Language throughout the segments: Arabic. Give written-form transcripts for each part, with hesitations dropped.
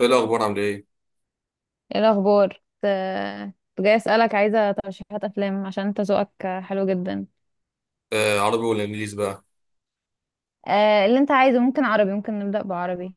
ايه الاخبار، عامل ايه؟ ايه الاخبار؟ كنت كنت جاي اسالك، عايزه ترشيحات افلام عشان انت ذوقك حلو جدا. آه، عربي ولا انجليزي بقى؟ آه، اللي انت عايزه، ممكن عربي، ممكن نبدا بعربي.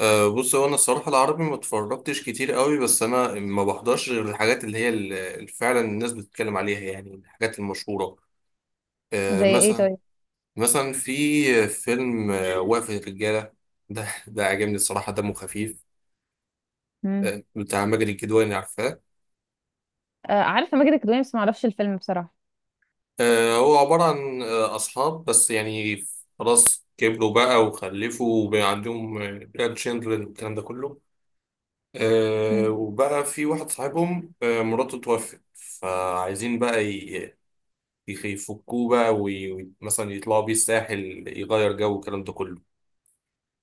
آه، بص، هو انا الصراحه العربي ما اتفرجتش كتير قوي، بس انا ما بحضرش غير الحاجات اللي فعلا الناس بتتكلم عليها، يعني الحاجات المشهوره. آه، زي ايه مثلا طيب؟ مثلا في فيلم وقفه الرجاله. ده عجبني الصراحه، دمه خفيف. مم. آه، بتاع ماجد الكدواني، عارفاه؟ آه، عارفه ماجد الكدواني بس ما اعرفش الفيلم بصراحه. آه، هو عباره عن اصحاب، بس يعني خلاص كبروا بقى وخلفوا وبقى عندهم جراند تشيلدرن والكلام ده كله. آه، مم. وبقى في واحد صاحبهم، مراته توفت، فعايزين بقى يفكوه بقى ومثلا يطلعوا بيه الساحل، يغير جو والكلام ده كله.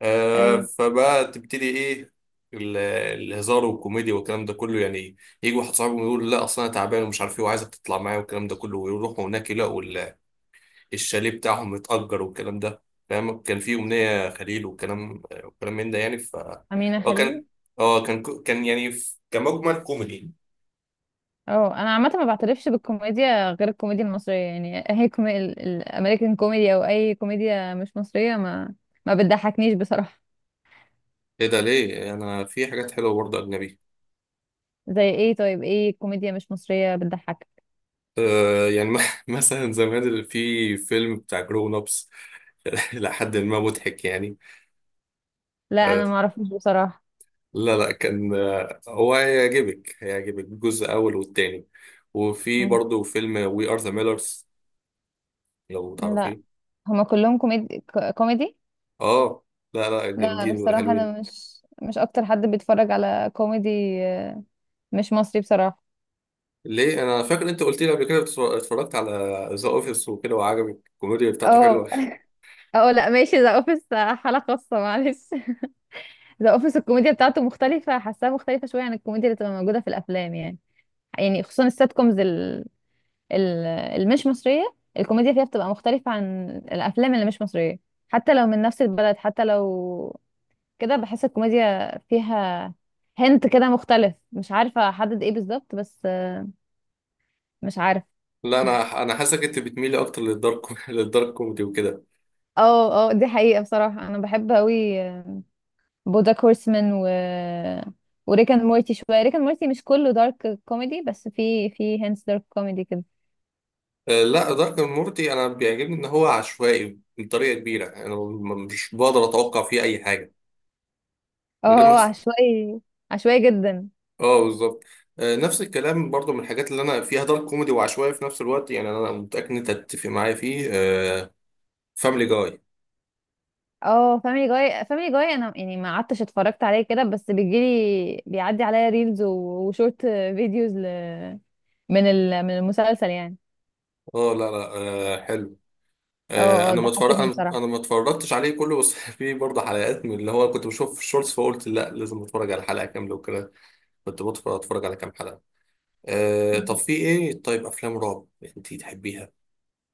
آه، ايوه، فبقى تبتدي ايه، ال- الهزار والكوميديا والكلام ده كله يعني. يجي واحد صاحبهم يقول لا اصلا انا تعبان ومش عارف ايه، وعايزك تطلع معايا والكلام ده كله، ويروحوا هناك يلاقوا الشاليه بتاعهم متأجر والكلام ده. فاهم، كان في أمنية خليل والكلام، من ده يعني. امينه هو كان خليل. اه كان كو- كان يعني ف- كمجمل كوميدي. اه انا عامه ما بعترفش بالكوميديا غير الكوميديا المصريه يعني اي كومي... الامريكان كوميدي او اي كوميديا مش مصريه ما ما بتضحكنيش بصراحه. ايه ده، ليه؟ انا في حاجات حلوه برضه اجنبي. زي ايه طيب؟ ايه كوميديا مش مصريه بتضحك؟ آه، يعني مثلا زمان اللي في فيلم بتاع جرون ابس. لحد ما مضحك يعني. لا آه، انا ما اعرفش بصراحه. لا، لا، كان هو هيعجبك الجزء الاول والتاني، وفي برضه فيلم وي ار ذا ميلرز، لو لا. تعرفيه. هما كلهم كوميدي؟ كوميدي؟ اه، لا، لا، لا، أنا جامدين بصراحة انا وحلوين. مش اكتر حد بيتفرج على كوميدي آه، مش مصري بصراحة. ليه؟ انا فاكر انت قلت لي قبل كده اتفرجت على ذا اوفيس وكده، وعجبك الكوميديا بتاعته اه، حلوه. اه، لا ماشي، ذا اوفيس حالة خاصة معلش. ذا اوفيس الكوميديا بتاعته مختلفة، حاساها مختلفة شوية عن الكوميديا اللي بتبقى موجودة في الافلام يعني. يعني خصوصا السات كومز ال... المش مصرية، الكوميديا فيها بتبقى مختلفة عن الافلام اللي مش مصرية، حتى لو من نفس البلد، حتى لو كده بحس الكوميديا فيها هنت كده مختلف، مش عارفة احدد ايه بالظبط بس، مش عارفة. لا، انا حاسسك انت بتميلي اكتر للدارك، للدارك كوميدي وكده. اه، اه، دي حقيقة بصراحة، انا بحب قوي بوجاك هورسمان وريك اند مورتي، شوية ريك اند مورتي مش كله دارك كوميدي بس في هنتس دارك كوميدي كده. آه، لا، دارك مورتي انا بيعجبني ان هو عشوائي بطريقه كبيره، يعني انا مش بقدر اتوقع فيه اي حاجه، اه، غير مثلا. عشوائي، عشوائي جدا. اه، بالظبط. آه، نفس الكلام برضو، من الحاجات اللي انا فيها دارك كوميدي وعشوائي في نفس الوقت يعني، انا متاكد ان انت هتتفق معايا فيه. فاملي جاي، Family Guy. اه، فاميلي جاي، فاميلي جاي انا يعني ما قعدتش اتفرجت عليه كده، بس بيجيلي، بيعدي عليا ريلز و- وشورت فيديوز ل... من ال... من المسلسل يعني. آه، لا، لا. آه، حلو. آه، اه، اه، انا ما اتفرج ضحكتني انا انا بصراحة. ما اتفرجتش عليه كله، بس في برضه حلقات من اللي هو كنت بشوف في الشورتس، فقلت لا لازم اتفرج على حلقه كامله وكده. كنت اتفرج على كام حلقه. أه، طب في ايه، طيب افلام رعب انتي تحبيها؟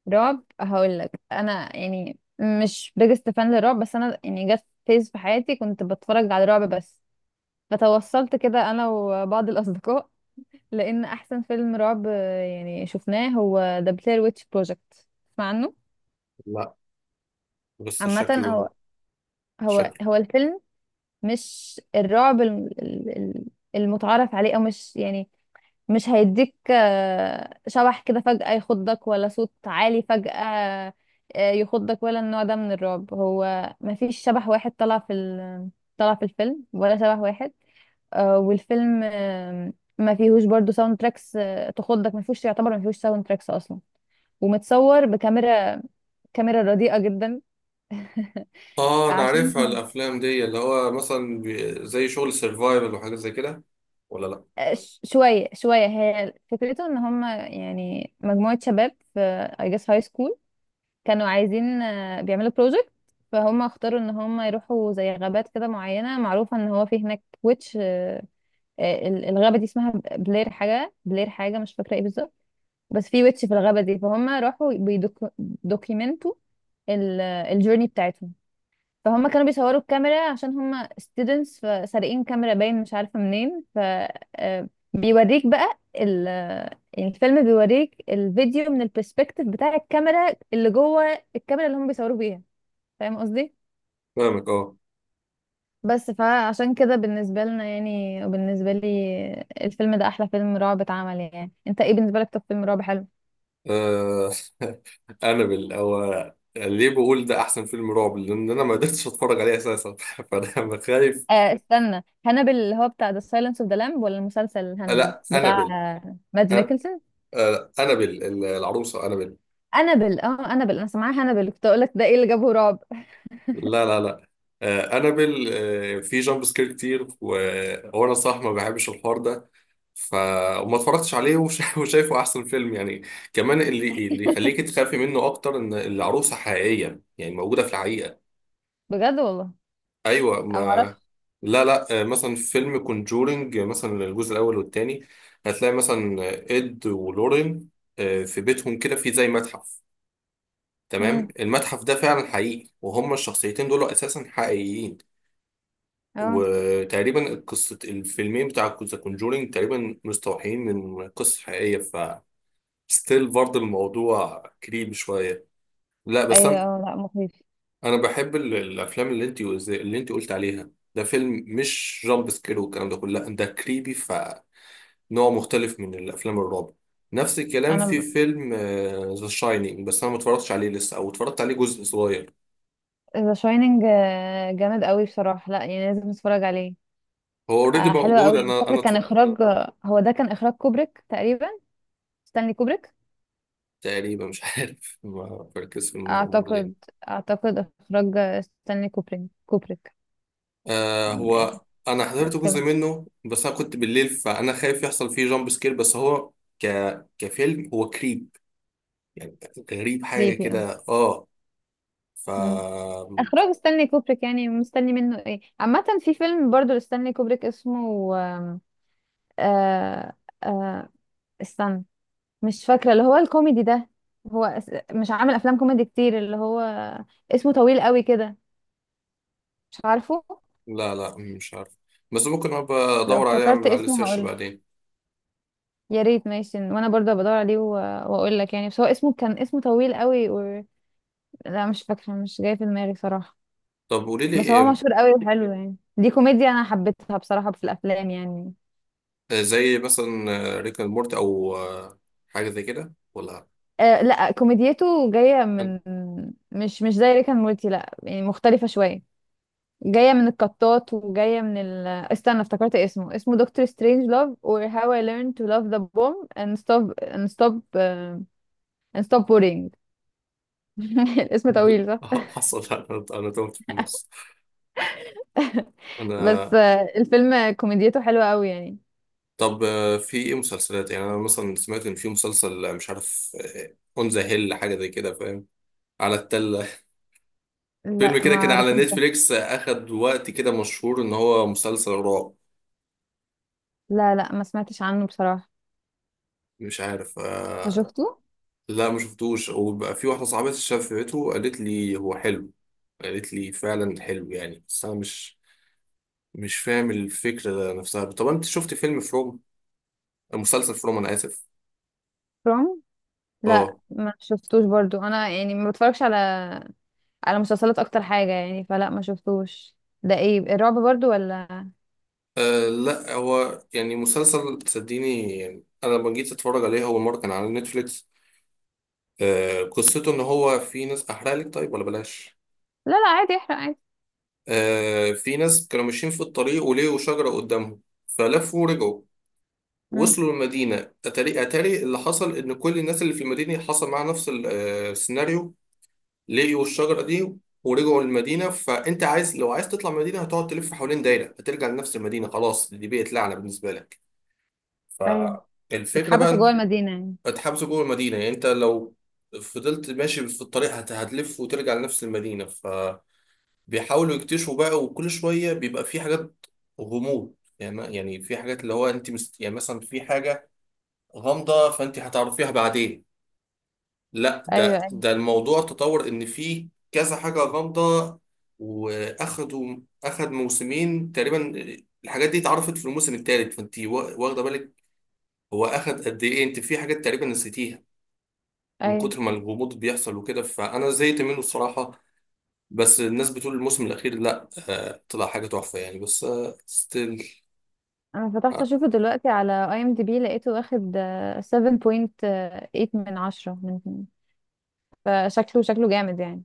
رعب؟ هقول لك، انا يعني مش بيجست فان للرعب، بس انا يعني جت فيز في حياتي كنت بتفرج على رعب، بس فتوصلت كده انا وبعض الاصدقاء لان احسن فيلم رعب يعني شفناه هو ذا بلاير ويتش بروجكت، تسمع عنه؟ لا، بس عامه هو شكله. هو شكله. هو الفيلم مش الرعب المتعارف عليه، او مش يعني، مش هيديك شبح كده فجأة يخضك، ولا صوت عالي فجأة يخضك، ولا النوع ده من الرعب. هو مفيش شبح واحد طلع في ال... طلع في الفيلم، ولا شبح واحد والفيلم ما فيهوش برضو ساوند تراكس تخضك، ما فيهوش يعتبر، ما فيهوش ساوند تراكس اصلا، ومتصور بكاميرا، كاميرا رديئة جدا. اه، انا عشان عارفها الافلام دي، اللي هو مثلا زي شغل سرفايفل وحاجات زي كده، ولا؟ لا، شوية شوية هي فكرته ان هم، يعني مجموعة شباب في I guess high school كانوا عايزين بيعملوا بروجكت، فهم اختاروا ان هم يروحوا زي غابات كده معينة، معروفة ان هو في هناك ويتش ال- الغابة دي اسمها بلير حاجة، بلير حاجة مش فاكرة ايه بالظبط، بس في ويتش في الغابة دي، فهم راحوا بيدوكيمنتوا الجورني بتاعتهم، فهم كانوا بيصوروا الكاميرا عشان هم students، فسارقين كاميرا باين مش عارفة منين، ف بيوريك بقى ال... يعني الفيلم بيوريك الفيديو من البرسبكتيف بتاع الكاميرا اللي جوه، الكاميرا اللي هم بيصوروا بيها، فاهم قصدي؟ فاهمك، اه. بس فعشان كده بالنسبة لنا يعني، وبالنسبة لي الفيلم ده أحلى فيلم رعب اتعمل يعني. انت ايه بالنسبة لك طب فيلم رعب حلو؟ آه، انابل. او ليه بقول ده احسن فيلم رعب؟ لان انا ما قدرتش اتفرج عليه اساسا، فانا خايف. آه استنى، هانبل اللي هو بتاع The Silence of the Lamb ولا المسلسل هانبل لا، بتاع انابل. مادز أن- ميكلسن؟ آه، انابل، العروسه انابل. انابل، اه، انابل، انا سامعاها انابل كنت اقول لك ده ايه اللي جابه رعب. لا، لا، لا. انابل، في جامب سكير كتير، وانا صح ما بحبش الحوار ده. ف وما اتفرجتش عليه وشايفه احسن فيلم يعني. كمان اللي يخليك تخافي منه اكتر ان العروسه حقيقيه، يعني موجوده في الحقيقه. بجد؟ والله ايوه، ما... انا ما اعرفش. لا، لا. آه، مثلا في فيلم كونجورنج، مثلا الجزء الاول والتاني، هتلاقي مثلا اد ولورين. آه، في بيتهم كده في زي متحف. تمام، امم. المتحف ده فعلا حقيقي، وهم الشخصيتين دول اساسا حقيقيين. اه، وتقريبا قصة الفيلمين بتاع ذا كونجورينج تقريبا مستوحين من قصة حقيقية، ف ستيل برضه الموضوع كريم شوية. لا، بس ايوه، أنا اه، لا مخيف. أنا بحب الأفلام اللي أنت قلت عليها، ده فيلم مش جامب سكير والكلام ده كله، لا، ده كريبي، فنوع مختلف من الأفلام الرعب. نفس الكلام في انا فيلم ذا شاينينج، بس أنا ما اتفرجتش عليه لسه، أو اتفرجت عليه جزء صغير. ذا شايننج جامد قوي بصراحه، لا يعني لازم نتفرج عليه. هو أوريدي آه حلو موجود. قوي، فاكر كان اخراج، هو ده كان اخراج كوبريك تقريبا، ستانلي كوبريك. تقريبا مش عارف، ما بركز في المخرج. اعتقد، اعتقد اخراج ستانلي كوبريك، كوبريك. آه، أمم، هو انا حضرت جزء كده، منه، بس انا كنت بالليل فانا خايف يحصل فيه جامب سكير، بس هو ك كفيلم هو كريب يعني، غريب حاجه كريبي، اه. كده، اه. ف أمم. اخراج ستانلي كوبريك يعني مستني منه ايه؟ عامه في فيلم برضو لستانلي كوبريك اسمه، آه، آه، استنى، مش فاكرة، اللي هو الكوميدي ده، هو اس- مش عامل أفلام كوميدي كتير، اللي هو اسمه طويل قوي كده، مش عارفه. لا، لا، مش عارف، بس ممكن ابقى لو ادور عليه، افتكرت اعمل عليه اسمه سيرش هقول. بعدين. يا ريت، ماشي، وانا برضه بدور عليه و- واقول لك يعني، بس هو اسمه كان اسمه طويل قوي و... لا مش فاكرة، مش جاي في دماغي صراحة. طب قولي لي بس هو إيه. مشهور قوي وحلو يعني، دي كوميديا انا حبيتها بصراحة في الافلام يعني. آه، زي مثلا ريك اند مورتي، او حاجه زي كده، ولا؟ آه لا كوميديته جاية أنا- من، مش مش زي ريكان مورتي، لا يعني مختلفة شوية، جاية من القطات وجاية من ال، استنى افتكرت اسمه، اسمه دكتور سترينج لاف or how I learned to love the bomb and stop and stop and stop worrying. الاسم طويل صح. حصل، انا تهت في النص. بس انا الفيلم كوميديته حلوة قوي يعني. طب، آه، في ايه مسلسلات يعني، انا مثلا سمعت ان في مسلسل مش عارف، اون ذا هيل، حاجه زي كده، فاهم، على التله. فيلم لا ما كده كان على اعرفوش ده، نتفليكس، اخد وقت كده، مشهور ان هو مسلسل رعب. لا لا ما سمعتش عنه بصراحة. مش عارف، أنت آه. شفته؟ لا، ما شفتوش، وبقى في واحده صاحبتي شافته قالت لي هو حلو، قالت لي فعلا حلو يعني، بس انا مش فاهم الفكره نفسها. طب، انت شفت فيلم فروم مسلسل فروم، انا اسف. فروم؟ لا اه. ما شفتوش برضو، انا يعني ما بتفرجش على، على مسلسلات اكتر حاجة يعني، فلا ما شفتوش. ده ايه الرعب برضو ولا؟ أه، لا، هو يعني مسلسل، صدقيني. يعني انا لما جيت اتفرج عليه اول مره كان على نتفليكس. أه، قصته ان هو في ناس. احرق لك طيب ولا بلاش؟ لا لا عادي، احرق عادي. أه، في ناس كانوا ماشيين في الطريق، ولقوا شجره قدامهم، فلفوا ورجعوا. مم. وصلوا المدينه، اتاري اللي حصل ان كل الناس اللي في المدينه حصل معاها نفس السيناريو. لقوا الشجره دي، ورجعوا للمدينه، فانت لو عايز تطلع من المدينه، هتقعد تلف حوالين دايره، هترجع لنفس المدينه، خلاص دي بقت لعنه بالنسبه لك. ف أيوة. الفكرة اتحبسوا جوه بقى. المدينة يعني؟ هتحبسه جوه المدينة يعني، انت لو فضلت ماشي في الطريق هتلف وترجع لنفس المدينة، فبيحاولوا يكتشفوا بقى، وكل شوية بيبقى في حاجات غموض يعني، يعني في حاجات اللي هو انت يعني مثلا في حاجة غامضة، فانت هتعرفيها بعدين. لا، ايوه، ده ايوه، ده الموضوع تطور، ان في كذا حاجة غامضة. واخدوا اخد موسمين تقريبا، الحاجات دي اتعرفت في الموسم الثالث، فانت واخدة بالك، هو اخد قد ايه. انت في حاجات تقريبا نسيتيها من ايوه. كتر ما الغموض بيحصل وكده، فانا زهقت منه الصراحه. بس الناس بتقول الموسم الاخير، لا، طلع حاجه تحفه يعني، بس ستيل. انا فتحت آه، اشوفه دلوقتي على اي ام دي بي، لقيته واخد 7.8 من 10، من، فشكله، شكله جامد يعني.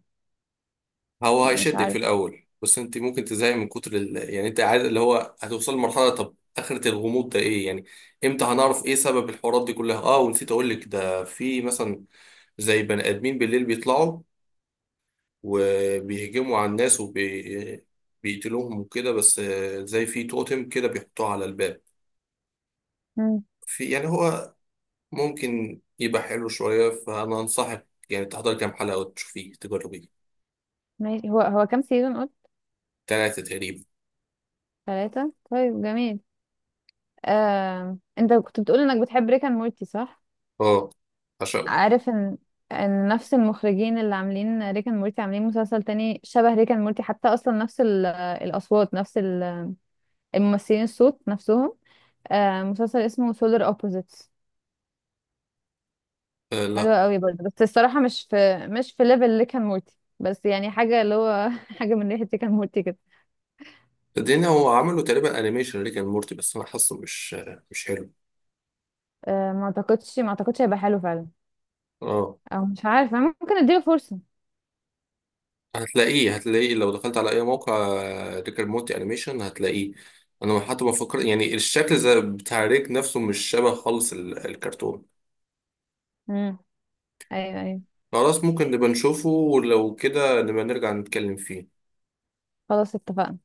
هو مش هيشدك في عارف. الاول، بس انت ممكن تزهقي من كتر يعني انت عاد اللي هو هتوصل لمرحله، طب اخره الغموض ده ايه يعني، امتى هنعرف ايه سبب الحوارات دي كلها؟ اه، ونسيت اقول لك، ده في مثلا زي بني ادمين بالليل بيطلعوا وبيهجموا على الناس بيقتلوهم وكده، بس زي في توتم كده بيحطوه على الباب. مم. في يعني، هو ممكن يبقى حلو شوية، فأنا أنصحك يعني تحضر كام حلقة وتشوفيه، تجربيه. ماشي، هو هو كام سيزون قلت؟ تلاتة تقريبا. ثلاثة؟ طيب، جميل. آه، انت كنت بتقول انك بتحب ريك اند مورتي صح؟ اه، عشان. عارف ان، ان نفس المخرجين اللي عاملين ريك اند مورتي عاملين مسلسل تاني شبه ريك اند مورتي، حتى اصلا نفس ال- الاصوات، نفس ال- الممثلين، الصوت نفسهم، مسلسل اسمه سولار اوبوزيتس. آه، لا، حلوة قوي برضه بس الصراحة مش في، مش في ليفل اللي كان مورتي، بس يعني حاجة اللي هو حاجة من ريحة كان مورتي كده. الدنيا هو عملوا تقريبا أنيميشن ريك أند مورتي، بس أنا حاسه مش حلو. أه ما اعتقدش هيبقى حلو فعلا، اه، او مش عارفة، ممكن اديله فرصة. هتلاقيه لو دخلت على أي موقع، ريك أند مورتي أنيميشن، هتلاقيه. أنا حتى بفكر يعني الشكل زي بتاع ريك نفسه، مش شبه خالص الكرتون. امم. ايوه، ايوه. خلاص، ممكن نبقى نشوفه، ولو كده نبقى نرجع نتكلم فيه. خلاص اتفقنا.